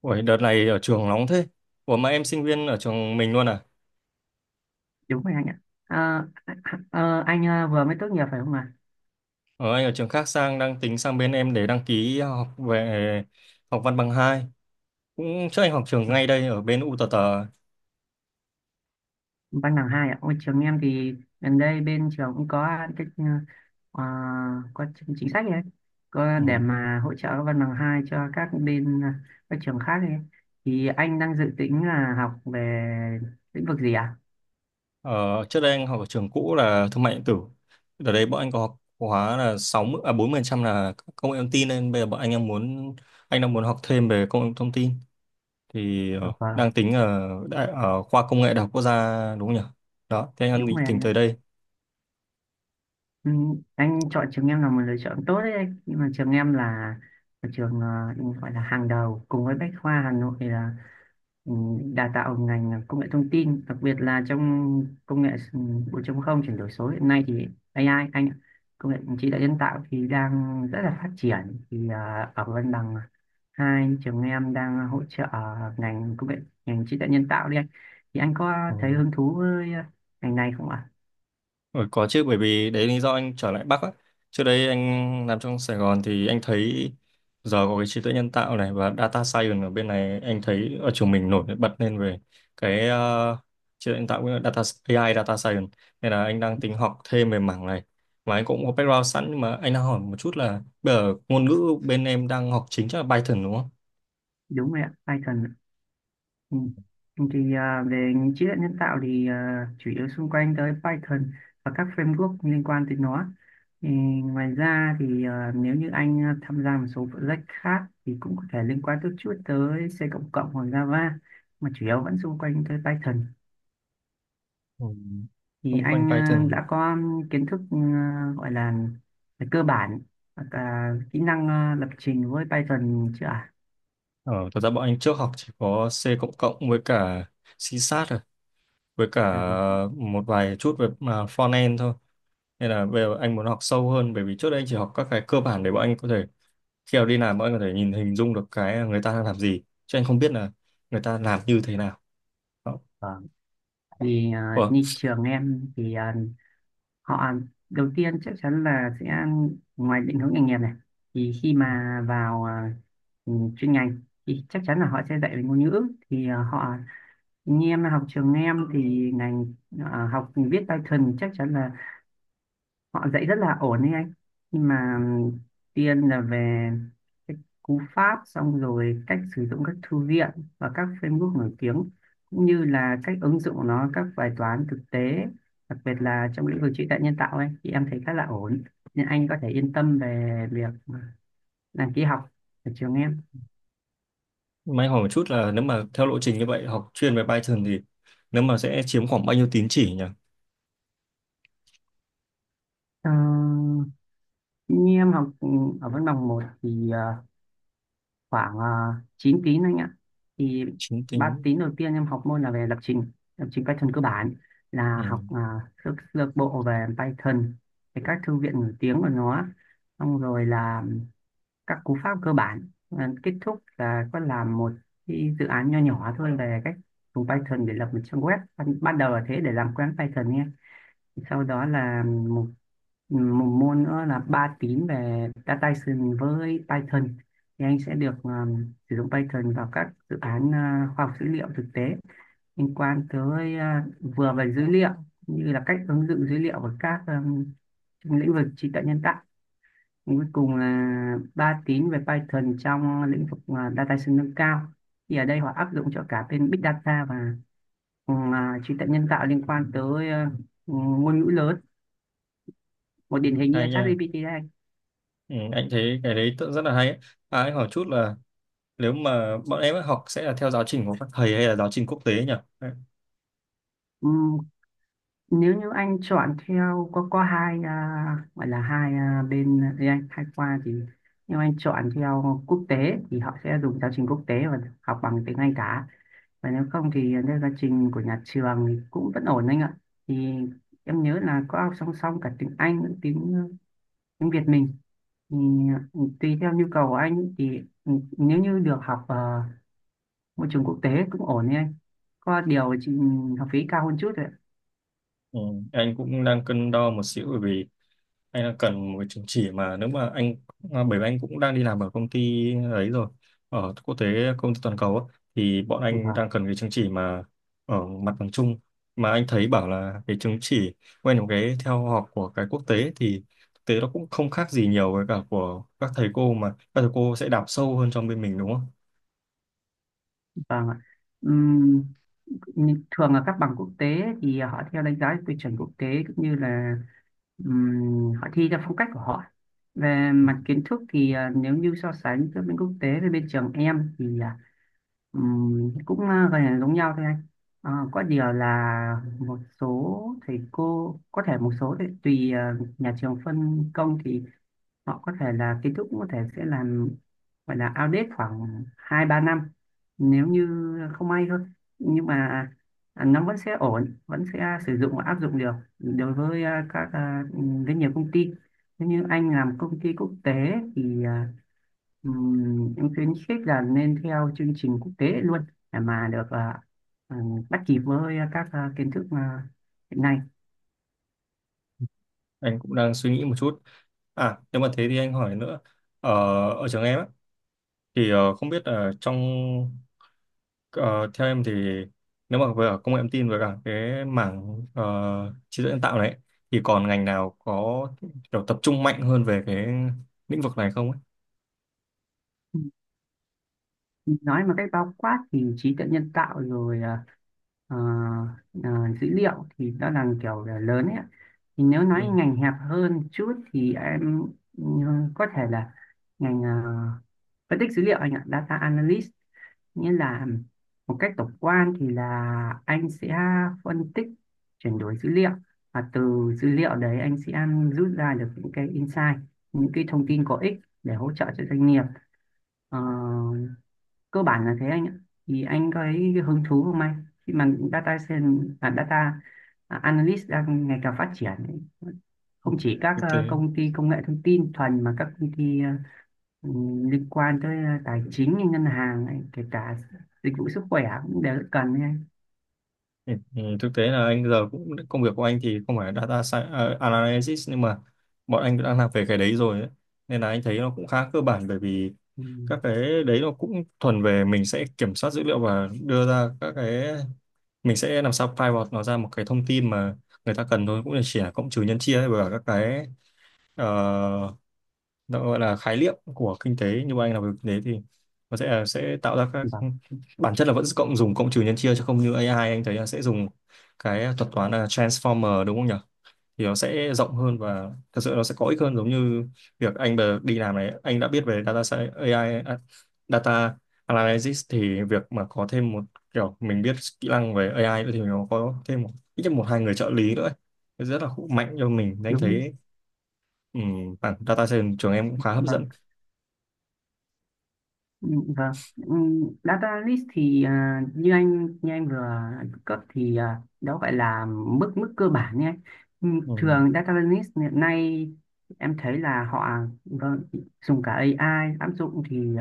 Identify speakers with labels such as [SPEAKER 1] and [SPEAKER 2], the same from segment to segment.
[SPEAKER 1] Ủa, đợt này ở trường nóng thế. Ủa, mà em sinh viên ở trường mình luôn à?
[SPEAKER 2] Đúng rồi anh ạ. Ờ, anh vừa mới tốt nghiệp phải không ạ?
[SPEAKER 1] Anh ở trường khác sang, đang tính sang bên em để đăng ký học về, học văn bằng hai. Cũng trước anh học trường
[SPEAKER 2] À?
[SPEAKER 1] ngay đây, ở bên UTT.
[SPEAKER 2] Văn bằng hai ạ. Ôi trường em thì gần đây bên trường cũng có cái, ờ, có chính chính sách ấy, có
[SPEAKER 1] Ừ.
[SPEAKER 2] để mà hỗ trợ văn bằng hai cho các bên, các trường khác ấy. Thì anh đang dự tính là học về lĩnh vực gì ạ?
[SPEAKER 1] Ờ, Trước đây anh học ở trường cũ là thương mại điện tử. Đợt đấy bọn anh có học khóa là 60, à, 40% là công nghệ thông tin, nên bây giờ bọn anh đang muốn học thêm về công nghệ thông tin, thì
[SPEAKER 2] À? Vâng,
[SPEAKER 1] đang tính ở khoa công nghệ Đại học Quốc gia đúng không nhỉ? Đó, thế anh
[SPEAKER 2] đúng
[SPEAKER 1] định
[SPEAKER 2] rồi
[SPEAKER 1] tính
[SPEAKER 2] anh ạ.
[SPEAKER 1] tới đây.
[SPEAKER 2] ừ, anh chọn trường em là một lựa chọn tốt đấy anh, nhưng mà trường em là một trường, gọi là hàng đầu cùng với Bách Khoa Hà Nội, là, ừ, đào tạo ngành công nghệ thông tin, đặc biệt là trong công nghệ 4.0, chuyển đổi số hiện nay thì AI anh ạ, công nghệ trí tuệ nhân tạo thì đang rất là phát triển. Thì ở văn bằng hai, trường em đang hỗ trợ ngành công nghệ, ngành trí tuệ nhân tạo đấy anh. Thì anh có
[SPEAKER 1] Ừ.
[SPEAKER 2] thấy hứng thú với ngành này không ạ?
[SPEAKER 1] Ừ, có chứ, bởi vì đấy lý do anh trở lại Bắc á. Trước đây anh làm trong Sài Gòn thì anh thấy giờ có cái trí tuệ nhân tạo này và data science ở bên này, anh thấy ở trường mình nổi bật lên về cái trí tuệ nhân tạo, với data AI, data science, nên là anh đang tính học thêm về mảng này. Và anh cũng có background sẵn, nhưng mà anh đang hỏi một chút là bây giờ ngôn ngữ bên em đang học chính chắc là Python đúng không?
[SPEAKER 2] Đúng rồi ạ, Python ạ. Ừ. Thì về trí tuệ nhân tạo thì chủ yếu xung quanh tới Python và các framework liên quan tới nó. Ừ, Ngoài ra thì nếu như anh tham gia một số project khác thì cũng có thể liên quan chút chút tới C cộng cộng hoặc Java, mà chủ yếu vẫn xung quanh tới Python.
[SPEAKER 1] Ừ.
[SPEAKER 2] Thì
[SPEAKER 1] Xung quanh
[SPEAKER 2] anh
[SPEAKER 1] Python.
[SPEAKER 2] đã có kiến thức, gọi là cơ bản, hoặc là kỹ năng lập trình với Python chưa ạ?
[SPEAKER 1] Ờ, Thật ra bọn anh trước học chỉ có C cộng cộng với cả C Sharp rồi. Với cả
[SPEAKER 2] À?
[SPEAKER 1] một vài chút về front-end thôi, nên là bây giờ anh muốn học sâu hơn, bởi vì trước đây anh chỉ học các cái cơ bản để bọn anh có thể khi nào đi làm bọn anh có thể nhìn hình dung được cái người ta đang làm gì, chứ anh không biết là người ta làm như thế nào. Đó.
[SPEAKER 2] Vâng. Thì
[SPEAKER 1] Ủa,
[SPEAKER 2] như trường em thì họ đầu tiên chắc chắn là sẽ, ngoài định hướng nghề nghiệp này, thì khi mà vào chuyên ngành thì chắc chắn là họ sẽ dạy về ngôn ngữ. Thì họ, như em học trường em thì ngành, học viết Python chắc chắn là họ dạy rất là ổn đấy anh. Nhưng mà tiên là về cái cú pháp, xong rồi cách sử dụng các thư viện và các framework nổi tiếng, cũng như là cách ứng dụng nó các bài toán thực tế, đặc biệt là trong lĩnh vực trí tuệ nhân tạo ấy thì em thấy khá là ổn, nên anh có thể yên tâm về việc đăng ký học ở trường em.
[SPEAKER 1] mà anh hỏi một chút là nếu mà theo lộ trình như vậy học chuyên về Python thì nếu mà sẽ chiếm khoảng bao nhiêu tín chỉ nhỉ?
[SPEAKER 2] Ờ, Như em học ở văn bằng một thì khoảng 9 tín anh ạ. Thì
[SPEAKER 1] Chín
[SPEAKER 2] ba
[SPEAKER 1] tính
[SPEAKER 2] tín đầu tiên em học môn là về lập trình, lập trình Python cơ bản,
[SPEAKER 1] Ừ.
[SPEAKER 2] là học sơ sơ bộ về Python, về các thư viện nổi tiếng của nó, xong rồi là các cú pháp cơ bản. Kết thúc là có làm một cái dự án nho nhỏ thôi về cách dùng Python để lập một trang web. Ban đầu là thế, để làm quen Python nhé. Sau đó là một một môn nữa là 3 tín về data science với Python. Thì anh sẽ được sử dụng Python vào các dự án khoa học dữ liệu thực tế, liên quan tới vừa về dữ liệu, như là cách ứng dụng dữ liệu vào các trong lĩnh vực trí tuệ nhân tạo. Còn cuối cùng là 3 tín về Python trong lĩnh vực data science nâng cao. Thì ở đây họ áp dụng cho cả bên big data và trí tuệ nhân tạo, liên quan tới ngôn ngữ lớn, một điển hình như là
[SPEAKER 1] Hay nha.
[SPEAKER 2] ChatGPT.
[SPEAKER 1] Ừ, anh thấy cái đấy rất là hay ấy. À, anh hỏi chút là nếu mà bọn em ấy học sẽ là theo giáo trình của các thầy hay là giáo trình quốc tế nhỉ?
[SPEAKER 2] Đây, nếu như anh chọn theo, có hai gọi là hai, bên gì anh, hai khoa. Thì nếu anh chọn theo quốc tế thì họ sẽ dùng giáo trình quốc tế và học bằng tiếng Anh cả, và nếu không thì theo giáo trình của nhà trường thì cũng vẫn ổn anh ạ. Thì em nhớ là có học song song cả tiếng Anh lẫn tiếng Việt mình. Thì tùy theo nhu cầu của anh. Thì ừ, nếu như được học, môi trường quốc tế cũng ổn đấy anh, có điều chỉ học phí cao hơn chút thôi ạ.
[SPEAKER 1] Ừ, anh cũng đang cân đo một xíu, bởi vì anh đang cần một cái chứng chỉ mà nếu mà anh bởi vì anh cũng đang đi làm ở công ty ấy rồi, ở quốc tế, công ty toàn cầu á, thì bọn anh
[SPEAKER 2] Vâng,
[SPEAKER 1] đang cần cái chứng chỉ mà ở mặt bằng chung, mà anh thấy bảo là cái chứng chỉ quen một cái theo học của cái quốc tế thì thực tế nó cũng không khác gì nhiều với cả của các thầy cô, mà các thầy cô sẽ đào sâu hơn trong bên mình đúng không?
[SPEAKER 2] vâng ạ. Nhưng thường là các bằng quốc tế thì họ theo đánh giá tiêu chuẩn quốc tế, cũng như là họ thi theo phong cách của họ. Về
[SPEAKER 1] Ừ.
[SPEAKER 2] mặt kiến thức thì nếu như so sánh giữa bên quốc tế với bên trường em thì cũng gần là giống nhau thôi anh. Có điều là một số thầy cô có thể, một số thì tùy nhà trường phân công, thì họ có thể là kết thúc có thể sẽ làm, gọi là audit khoảng hai ba năm nếu như không may thôi, nhưng mà nó vẫn sẽ ổn, vẫn sẽ sử dụng và áp dụng được đối với rất nhiều công ty. Nếu như anh làm công ty quốc tế thì em khuyến khích là nên theo chương trình quốc tế luôn, để mà được bắt kịp với các kiến thức hiện nay.
[SPEAKER 1] Anh cũng đang suy nghĩ một chút. À, nếu mà thế thì anh hỏi nữa. Ở, ở trường em á, thì không biết là theo em thì nếu mà về ở công nghệ thông tin với cả cái mảng trí tuệ nhân tạo này thì còn ngành nào có kiểu tập trung mạnh hơn về cái lĩnh vực này không ấy?
[SPEAKER 2] Nói mà cách bao quát thì trí tuệ nhân tạo rồi, ờ, ờ, dữ liệu, thì đó là kiểu là lớn ấy ạ. Thì nếu
[SPEAKER 1] Ừ.
[SPEAKER 2] nói ngành hẹp hơn chút thì em ừ, có thể là ngành, phân tích dữ liệu anh ạ, data analyst. Nghĩa là một cách tổng quan thì là anh sẽ phân tích, chuyển đổi dữ liệu, và từ dữ liệu đấy anh sẽ rút ra được những cái insight, những cái thông tin có ích để hỗ trợ cho doanh nghiệp. Ờ, Cơ bản là thế anh ạ. Thì anh có thấy hứng thú không anh, khi mà data science data analyst đang ngày càng phát triển ấy.
[SPEAKER 1] Ừ.
[SPEAKER 2] Không chỉ các,
[SPEAKER 1] Thực tế.
[SPEAKER 2] công ty công nghệ thông tin thuần, mà các công ty, liên quan tới tài chính như ngân hàng ấy, kể cả dịch vụ sức khỏe cũng đều rất cần ấy anh.
[SPEAKER 1] Ừ. Ừ, thực tế là anh giờ cũng công việc của anh thì không phải analysis, nhưng mà bọn anh đã làm về cái đấy rồi ấy. Nên là anh thấy nó cũng khá cơ bản, bởi vì
[SPEAKER 2] Ừ.
[SPEAKER 1] các cái đấy nó cũng thuần về mình sẽ kiểm soát dữ liệu và đưa ra các cái, mình sẽ làm sao pivot nó ra một cái thông tin mà người ta cần thôi, cũng là chỉ là cộng trừ nhân chia ấy, và các cái ờ, nó gọi là khái niệm của kinh tế, như anh làm về kinh tế thì nó sẽ tạo ra các
[SPEAKER 2] Vâng,
[SPEAKER 1] bản chất là vẫn cộng dùng cộng trừ nhân chia, chứ không như AI anh thấy là sẽ dùng cái thuật toán là transformer đúng không nhỉ, thì nó sẽ rộng hơn và thật sự nó sẽ có ích hơn. Giống như việc anh đi làm này, anh đã biết về AI, à, data analysis, thì việc mà có thêm một kiểu mình biết kỹ năng về AI nữa thì nó có thêm một, ít nhất một hai người trợ lý nữa ấy. Nó rất là hữu mạnh cho mình. Nên anh
[SPEAKER 2] đúng đấy.
[SPEAKER 1] thấy bản data science trường em cũng khá hấp dẫn.
[SPEAKER 2] Vâng. Ừ. Vâng. Ừ, Data list thì như anh vừa cấp thì đó gọi là mức mức cơ bản nhé. Ừ,
[SPEAKER 1] Ừ.
[SPEAKER 2] Thường data list hiện nay em thấy là họ, vâng, dùng cả AI áp dụng thì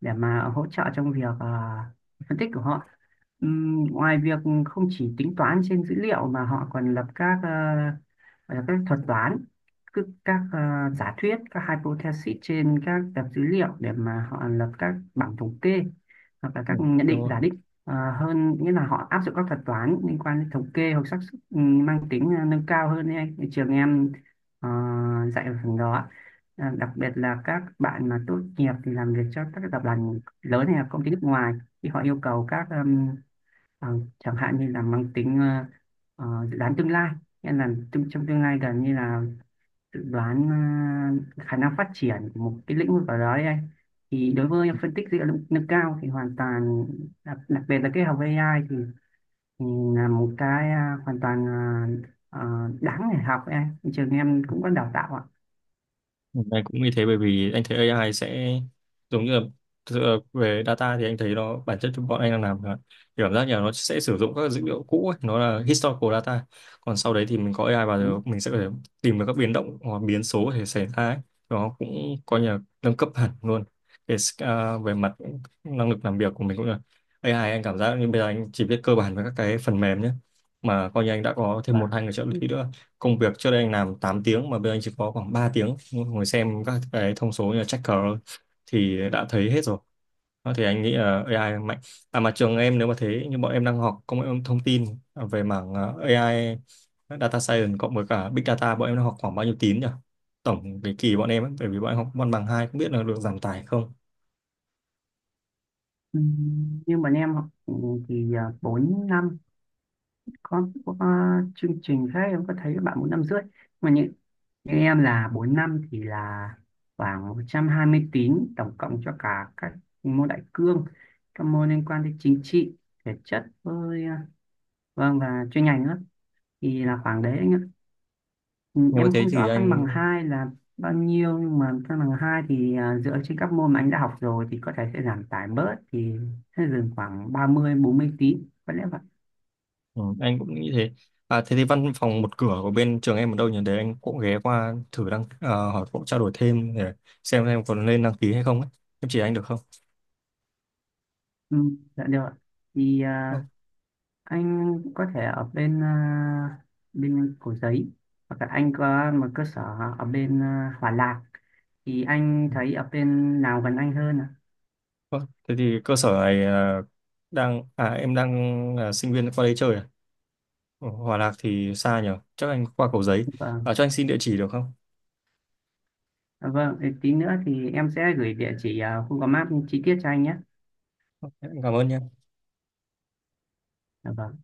[SPEAKER 2] để mà hỗ trợ trong việc phân tích của họ. Ngoài việc không chỉ tính toán trên dữ liệu, mà họ còn lập các, gọi là các thuật toán, cứ các, giả thuyết, các hypothesis trên các tập dữ liệu, để mà họ lập các bảng thống kê hoặc là
[SPEAKER 1] Ừ.
[SPEAKER 2] các nhận
[SPEAKER 1] Đúng
[SPEAKER 2] định
[SPEAKER 1] rồi.
[SPEAKER 2] giả định. Hơn nghĩa là họ áp dụng các thuật toán liên quan đến thống kê hoặc xác suất, mang tính nâng cao hơn đấy anh. Thì trường em ờ, dạy ở phần đó. Đặc biệt là các bạn mà tốt nghiệp thì làm việc cho các tập đoàn lớn hay là công ty nước ngoài, thì họ yêu cầu các, ờ, chẳng hạn như là mang tính, dự đoán tương lai. Nghĩa là trong tương lai gần, như là dự đoán khả năng phát triển của một cái lĩnh vực ở đó đấy anh. Thì đối với phân tích dữ liệu nâng nâng cao thì hoàn toàn, đặc biệt là cái học với AI thì là một cái hoàn toàn, đáng để học ấy anh, trường em cũng có đào tạo ạ.
[SPEAKER 1] Anh cũng như thế, bởi vì anh thấy AI sẽ giống như là, thực sự là về data thì anh thấy nó bản chất bọn anh đang làm là, thì cảm giác như là nó sẽ sử dụng các dữ liệu cũ ấy, nó là historical data. Còn sau đấy thì mình có AI vào
[SPEAKER 2] Đúng.
[SPEAKER 1] rồi mình sẽ có thể tìm được các biến động hoặc biến số để xảy ra ấy. Nó cũng coi như là nâng cấp hẳn luôn để, về mặt năng lực làm việc của mình cũng là, AI anh cảm giác như bây giờ anh chỉ biết cơ bản với các cái phần mềm nhé, mà coi như anh đã có thêm một
[SPEAKER 2] Vâng.
[SPEAKER 1] hai người trợ lý nữa, công việc trước đây anh làm 8 tiếng mà bây giờ anh chỉ có khoảng 3 tiếng ngồi xem các cái thông số như là checker thôi, thì đã thấy hết rồi. Đó, thì anh nghĩ là AI mạnh. À, mà trường em nếu mà thế như bọn em đang học công nghệ thông tin về mảng AI, data science cộng với cả big data, bọn em đang học khoảng bao nhiêu tín nhỉ, tổng cái kỳ bọn em ấy, bởi vì bọn em học văn bằng hai không biết là được giảm tải không,
[SPEAKER 2] Nhưng mà em học 4 năm. Có chương trình khác em có thấy các bạn 4,5 năm, mà như em là 4 năm thì là khoảng 120 tín tổng cộng, cho cả các môn đại cương, các môn liên quan đến chính trị, thể chất, với vâng, và chuyên ngành nữa, thì là khoảng đấy anh ạ. Ừ,
[SPEAKER 1] nhưng mà
[SPEAKER 2] em
[SPEAKER 1] thế
[SPEAKER 2] không
[SPEAKER 1] thì
[SPEAKER 2] rõ văn
[SPEAKER 1] anh.
[SPEAKER 2] bằng hai là bao nhiêu, nhưng mà văn bằng hai thì dựa trên các môn mà anh đã học rồi thì có thể sẽ giảm tải bớt, thì sẽ dừng khoảng 30 mươi 40 tín có lẽ vậy.
[SPEAKER 1] Ừ, anh cũng nghĩ thế. À, thế thì văn phòng một cửa của bên trường em ở đâu nhỉ? Để anh cũng ghé qua thử hỏi cũng trao đổi thêm để xem em còn nên đăng ký hay không ấy. Em chỉ anh được không?
[SPEAKER 2] ừ, dạ được ạ. Thì
[SPEAKER 1] Không.
[SPEAKER 2] anh có thể ở bên, bên Cầu Giấy, hoặc là anh có một cơ sở ở bên, Hòa Lạc. Thì anh
[SPEAKER 1] Ừ.
[SPEAKER 2] thấy ở bên nào gần anh hơn ạ?
[SPEAKER 1] Vâng. Thế thì cơ sở này ờ, đang à em đang là sinh viên qua đây chơi à? Ở Hòa Lạc thì xa nhỉ? Chắc anh qua Cầu Giấy.
[SPEAKER 2] Vâng.
[SPEAKER 1] À, cho anh xin địa chỉ được không?
[SPEAKER 2] Vâng, thì tí nữa thì em sẽ gửi địa chỉ, Google Maps chi tiết cho anh nhé.
[SPEAKER 1] Ok, em cảm ơn nhé.
[SPEAKER 2] Dạ vâng.